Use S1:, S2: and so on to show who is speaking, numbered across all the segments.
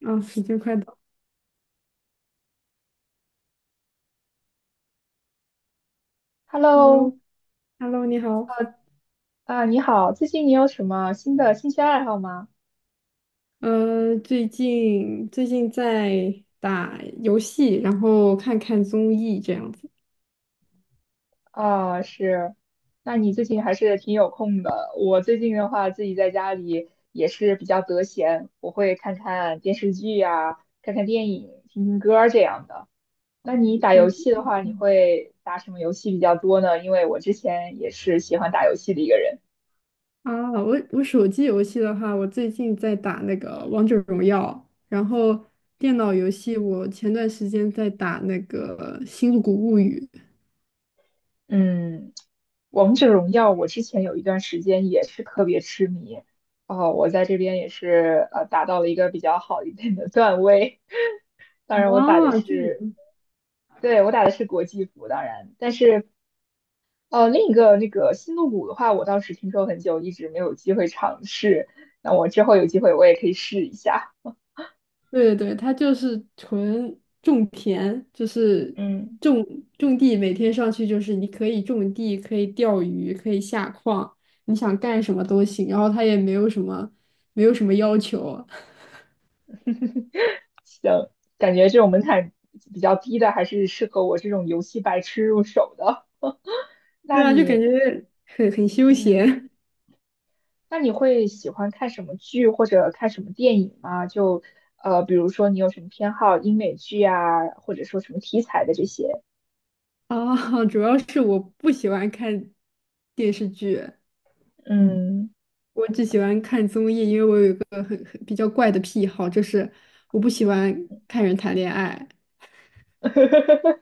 S1: 啊，时间快到
S2: Hello,
S1: ，Hello，Hello，你好。
S2: 你好，最近你有什么新的兴趣爱好吗？
S1: 最近在打游戏，然后看看综艺这样子。
S2: 啊，是，那你最近还是挺有空的。我最近的话，自己在家里也是比较得闲，我会看看电视剧呀，看看电影，听听歌儿这样的。那你打
S1: 嗯
S2: 游戏的话，你会打什么游戏比较多呢？因为我之前也是喜欢打游戏的一个人。
S1: 啊，我手机游戏的话，我最近在打那个王者荣耀，然后电脑游戏我前段时间在打那个《星露谷物语》。
S2: 嗯，王者荣耀，我之前有一段时间也是特别痴迷，哦，我在这边也是达到了一个比较好一点的段位，当然我打的
S1: 啊，哦，
S2: 是，对，我打的是国际服，当然，但是另一个那个星露谷的话，我倒是听说很久，一直没有机会尝试，那我之后有机会我也可以试一下，
S1: 对对，对，他就是纯种田，就是
S2: 嗯，
S1: 种种地，每天上去就是你可以种地，可以钓鱼，可以下矿，你想干什么都行。然后他也没有什么要求。
S2: 感觉这种门槛比较低的还是适合我这种游戏白痴入手的，
S1: 对
S2: 那
S1: 啊，就感
S2: 你？
S1: 觉很休
S2: 嗯。
S1: 闲。
S2: 那你会喜欢看什么剧或者看什么电影吗？就比如说你有什么偏好，英美剧啊，或者说什么题材的这些？
S1: 啊。主要是我不喜欢看电视剧，
S2: 嗯
S1: 我只喜欢看综艺，因为我有一个很比较怪的癖好，就是我不喜欢看人谈恋爱。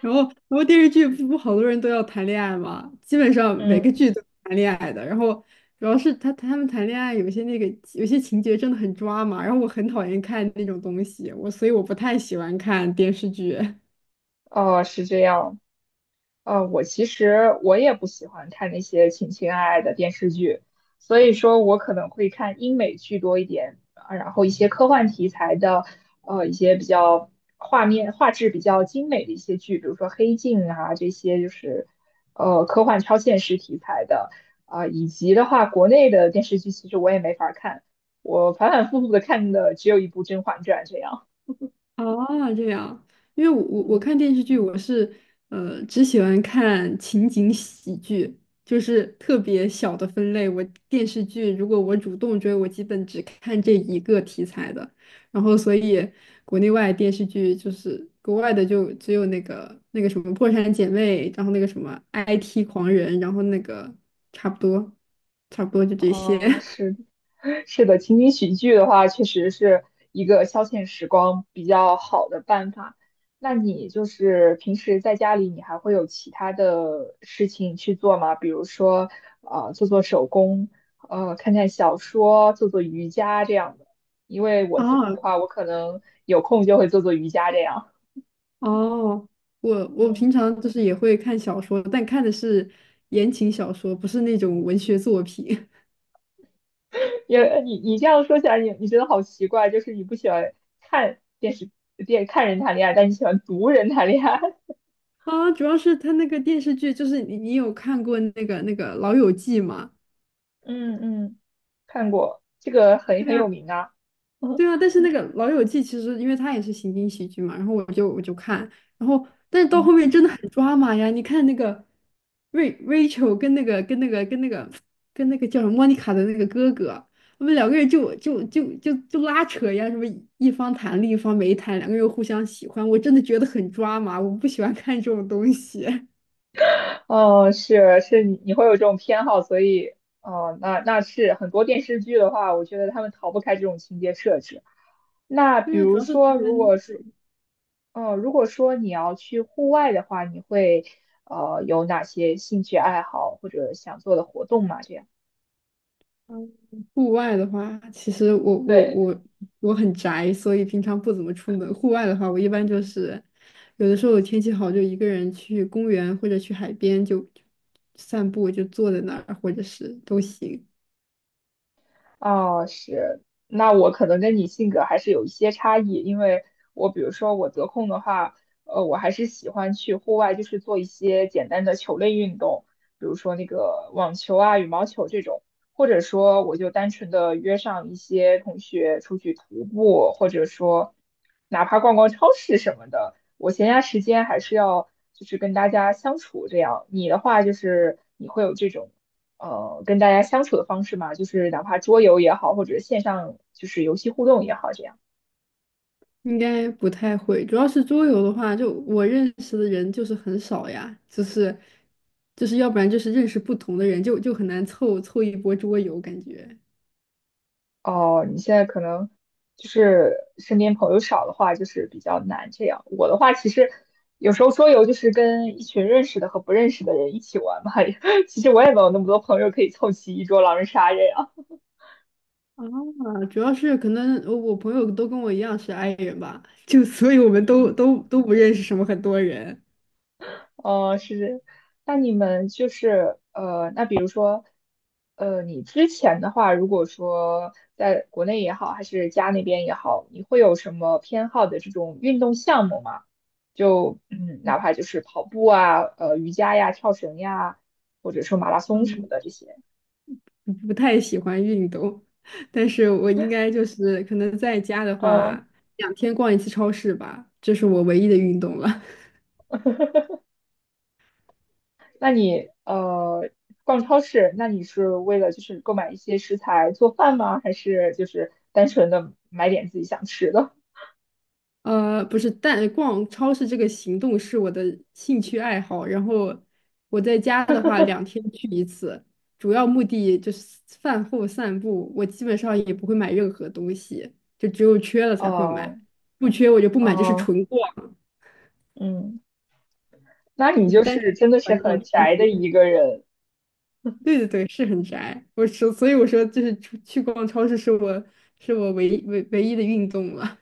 S1: 然后，然后电视剧不不好多人都要谈恋爱嘛，基本上每个
S2: 嗯，
S1: 剧都谈恋爱的。然后主要是他们谈恋爱有些情节真的很抓马，然后我很讨厌看那种东西，所以我不太喜欢看电视剧。
S2: 哦，是这样。我其实我也不喜欢看那些情情爱爱的电视剧，所以说我可能会看英美剧多一点，啊，然后一些科幻题材的，一些比较画面画质比较精美的一些剧，比如说《黑镜》啊这些，就是科幻超现实题材的，啊、以及的话国内的电视剧其实我也没法儿看，我反反复复的看的只有一部《甄嬛传》这样，
S1: 哦，这样。因为我
S2: 嗯。
S1: 看电视剧，我是只喜欢看情景喜剧，就是特别小的分类。电视剧如果我主动追，我基本只看这一个题材的。然后所以国内外电视剧就是国外的就只有那个什么《破产姐妹》，然后那个什么《IT 狂人》，然后差不多差不多就这些。
S2: 嗯，是是的，情景喜剧的话，确实是一个消遣时光比较好的办法。那你就是平时在家里，你还会有其他的事情去做吗？比如说，做做手工，看看小说，做做瑜伽这样的。因为我 自己的
S1: 啊。
S2: 话，我可能有空就会做做瑜伽这样。
S1: 哦，我
S2: 嗯。
S1: 平常就是也会看小说，但看的是言情小说，不是那种文学作品。
S2: 因为你这样说起来，你觉得好奇怪，就是你不喜欢看电视看人谈恋爱，但你喜欢读人谈恋爱。
S1: 啊。主要是他那个电视剧，就是你有看过那个《老友记》吗？
S2: 嗯嗯，看过，这个很
S1: 对
S2: 很有
S1: 啊。
S2: 名啊。
S1: 对啊，但 是那个《老友记》其实因为它也是情景喜剧嘛，然后我就看，然后但是到后
S2: 嗯，
S1: 面真的很抓马呀！你看那个Rachel 跟那个叫什么莫妮卡的那个哥哥，他们两个人就拉扯呀，什么一方谈另一方没谈，两个人又互相喜欢，我真的觉得很抓马，我不喜欢看这种东西。
S2: 哦，是是，你你会有这种偏好，所以，哦，那那是很多电视剧的话，我觉得他们逃不开这种情节设置。那比
S1: 对啊，主
S2: 如
S1: 要是
S2: 说，
S1: 他
S2: 如
S1: 们。
S2: 果说，如果说你要去户外的话，你会，有哪些兴趣爱好或者想做的活动吗？这样。
S1: 嗯户外的话，其实我我
S2: 对。
S1: 我我很宅，所以平常不怎么出门。户外的话，我一般就是有的时候天气好，就一个人去公园或者去海边就散步，就坐在那儿，或者是都行。
S2: 哦，是，那我可能跟你性格还是有一些差异，因为我比如说我得空的话，我还是喜欢去户外，就是做一些简单的球类运动，比如说那个网球啊、羽毛球这种，或者说我就单纯的约上一些同学出去徒步，或者说哪怕逛逛超市什么的，我闲暇时间还是要就是跟大家相处这样。你的话就是你会有这种跟大家相处的方式嘛，就是哪怕桌游也好，或者线上就是游戏互动也好，这样。
S1: 应该不太会，主要是桌游的话，就我认识的人就是很少呀，就是要不然就是认识不同的人，就很难凑凑一波桌游感觉。
S2: 哦，你现在可能就是身边朋友少的话，就是比较难这样。我的话，其实有时候桌游就是跟一群认识的和不认识的人一起玩嘛，其实我也没有那么多朋友可以凑齐一桌狼人杀这样。
S1: 啊，主要是可能我朋友都跟我一样是 i 人吧，就所以我们都
S2: 嗯。
S1: 都都不认识什么很多人。
S2: 哦，是，那你们就是那比如说，你之前的话，如果说在国内也好，还是家那边也好，你会有什么偏好的这种运动项目吗？就嗯，哪怕就是跑步啊，瑜伽呀，跳绳呀，或者说马拉松什么
S1: 嗯，
S2: 的这些。
S1: 不太喜欢运动。但是我应该就是可能在家的
S2: 呃，
S1: 话，两天逛一次超市吧，这是我唯一的运动了。
S2: 那你逛超市，那你是为了就是购买一些食材做饭吗？还是就是单纯的买点自己想吃的？
S1: 不是，但逛超市这个行动是我的兴趣爱好。然后我在家的话，两 天去一次，主要目的就是饭后散步。我基本上也不会买任何东西，就只有缺了才会买，
S2: 哦，
S1: 不缺我就不买，就是
S2: 哦，
S1: 纯逛，
S2: 嗯，那你
S1: 就是
S2: 就
S1: 单纯
S2: 是真的是
S1: 纯逛
S2: 很
S1: 超
S2: 宅的
S1: 市。
S2: 一个人，
S1: 对对对，是很宅。所以我说，就是出去逛超市是我唯一的运动了。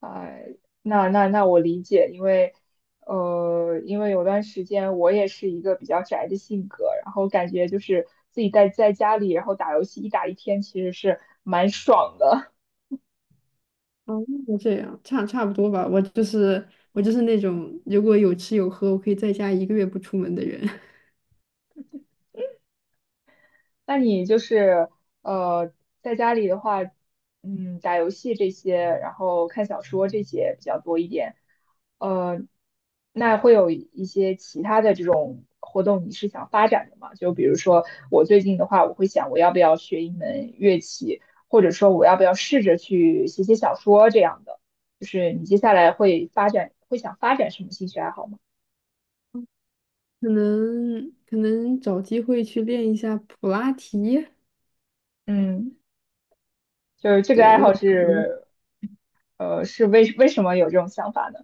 S2: 哎，那那那我理解，因为，因为有段时间我也是一个比较宅的性格，然后感觉就是自己在家里，然后打游戏一打一天，其实是蛮爽的。
S1: 哦，那这样差不多吧。我就是 我就是
S2: 嗯
S1: 那种如果有吃有喝，我可以在家一个月不出门的人。
S2: 那你就是呃，在家里的话，嗯，打游戏这些，然后看小说这些比较多一点。呃，那会有一些其他的这种活动，你是想发展的吗？就比如说我最近的话，我会想我要不要学一门乐器，或者说我要不要试着去写写小说这样的。就是你接下来会发展，会想发展什么兴趣爱好吗？
S1: 可能找机会去练一下普拉提。
S2: 嗯，就是这个
S1: 对，
S2: 爱
S1: 我
S2: 好
S1: 感觉可能。
S2: 是，是为什么有这种想法呢？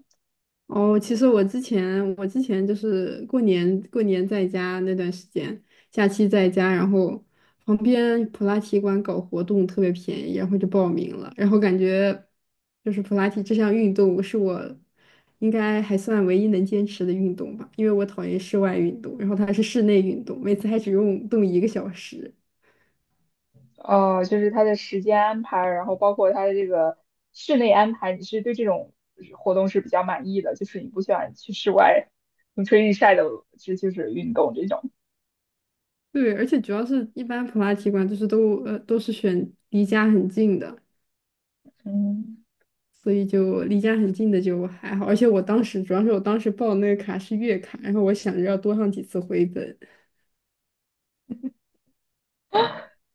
S1: 哦，其实我之前就是过年在家那段时间，假期在家，然后旁边普拉提馆搞活动特别便宜，然后就报名了，然后感觉就是普拉提这项运动是我应该还算唯一能坚持的运动吧，因为我讨厌室外运动，然后它是室内运动，每次还只用动一个小时。
S2: 哦，就是它的时间安排，然后包括它的这个室内安排，你是对这种活动是比较满意的，就是你不喜欢去室外风吹日晒的，这就是运动这种。
S1: 对，而且主要是一般普拉提馆就是都是选离家很近的，
S2: 嗯
S1: 所以就离家很近的就还好，而且我当时报的那个卡是月卡，然后我想着要多上几次回本。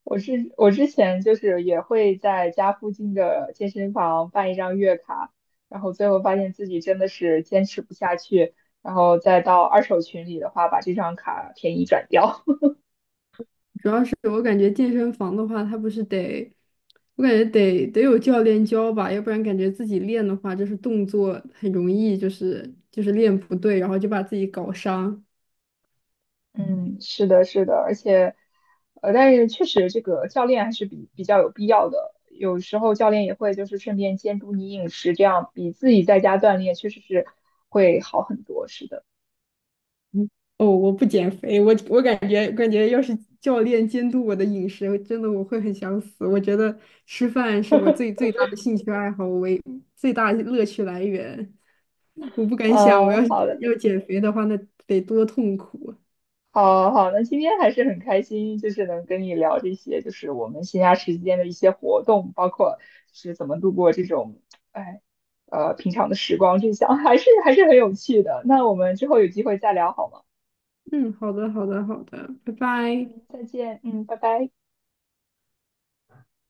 S2: 我是我之前就是也会在家附近的健身房办一张月卡，然后最后发现自己真的是坚持不下去，然后再到二手群里的话，把这张卡便宜转掉。
S1: 主要是我感觉健身房的话，它不是得，我感觉得有教练教吧，要不然感觉自己练的话，就是动作很容易就是练不对，然后就把自己搞伤。
S2: 嗯，是的，是的，而且，但是确实这个教练还是比较有必要的。有时候教练也会就是顺便监督你饮食，这样比自己在家锻炼确实是会好很多。是的，
S1: 嗯哦，我不减肥，我感觉要是教练监督我的饮食，我真的我会很想死。我觉得吃饭是我最最大的兴趣爱好，为最大的乐趣来源。我不敢想，我要是
S2: 好的，
S1: 要减肥的话，那得多痛苦。
S2: 好好，那今天还是很开心，就是能跟你聊这些，就是我们闲暇时间的一些活动，包括是怎么度过这种，哎，平常的时光，这项还是还是很有趣的。那我们之后有机会再聊好吗？
S1: 嗯，好的，好的，好的，拜拜。
S2: 嗯，再见，嗯，拜拜。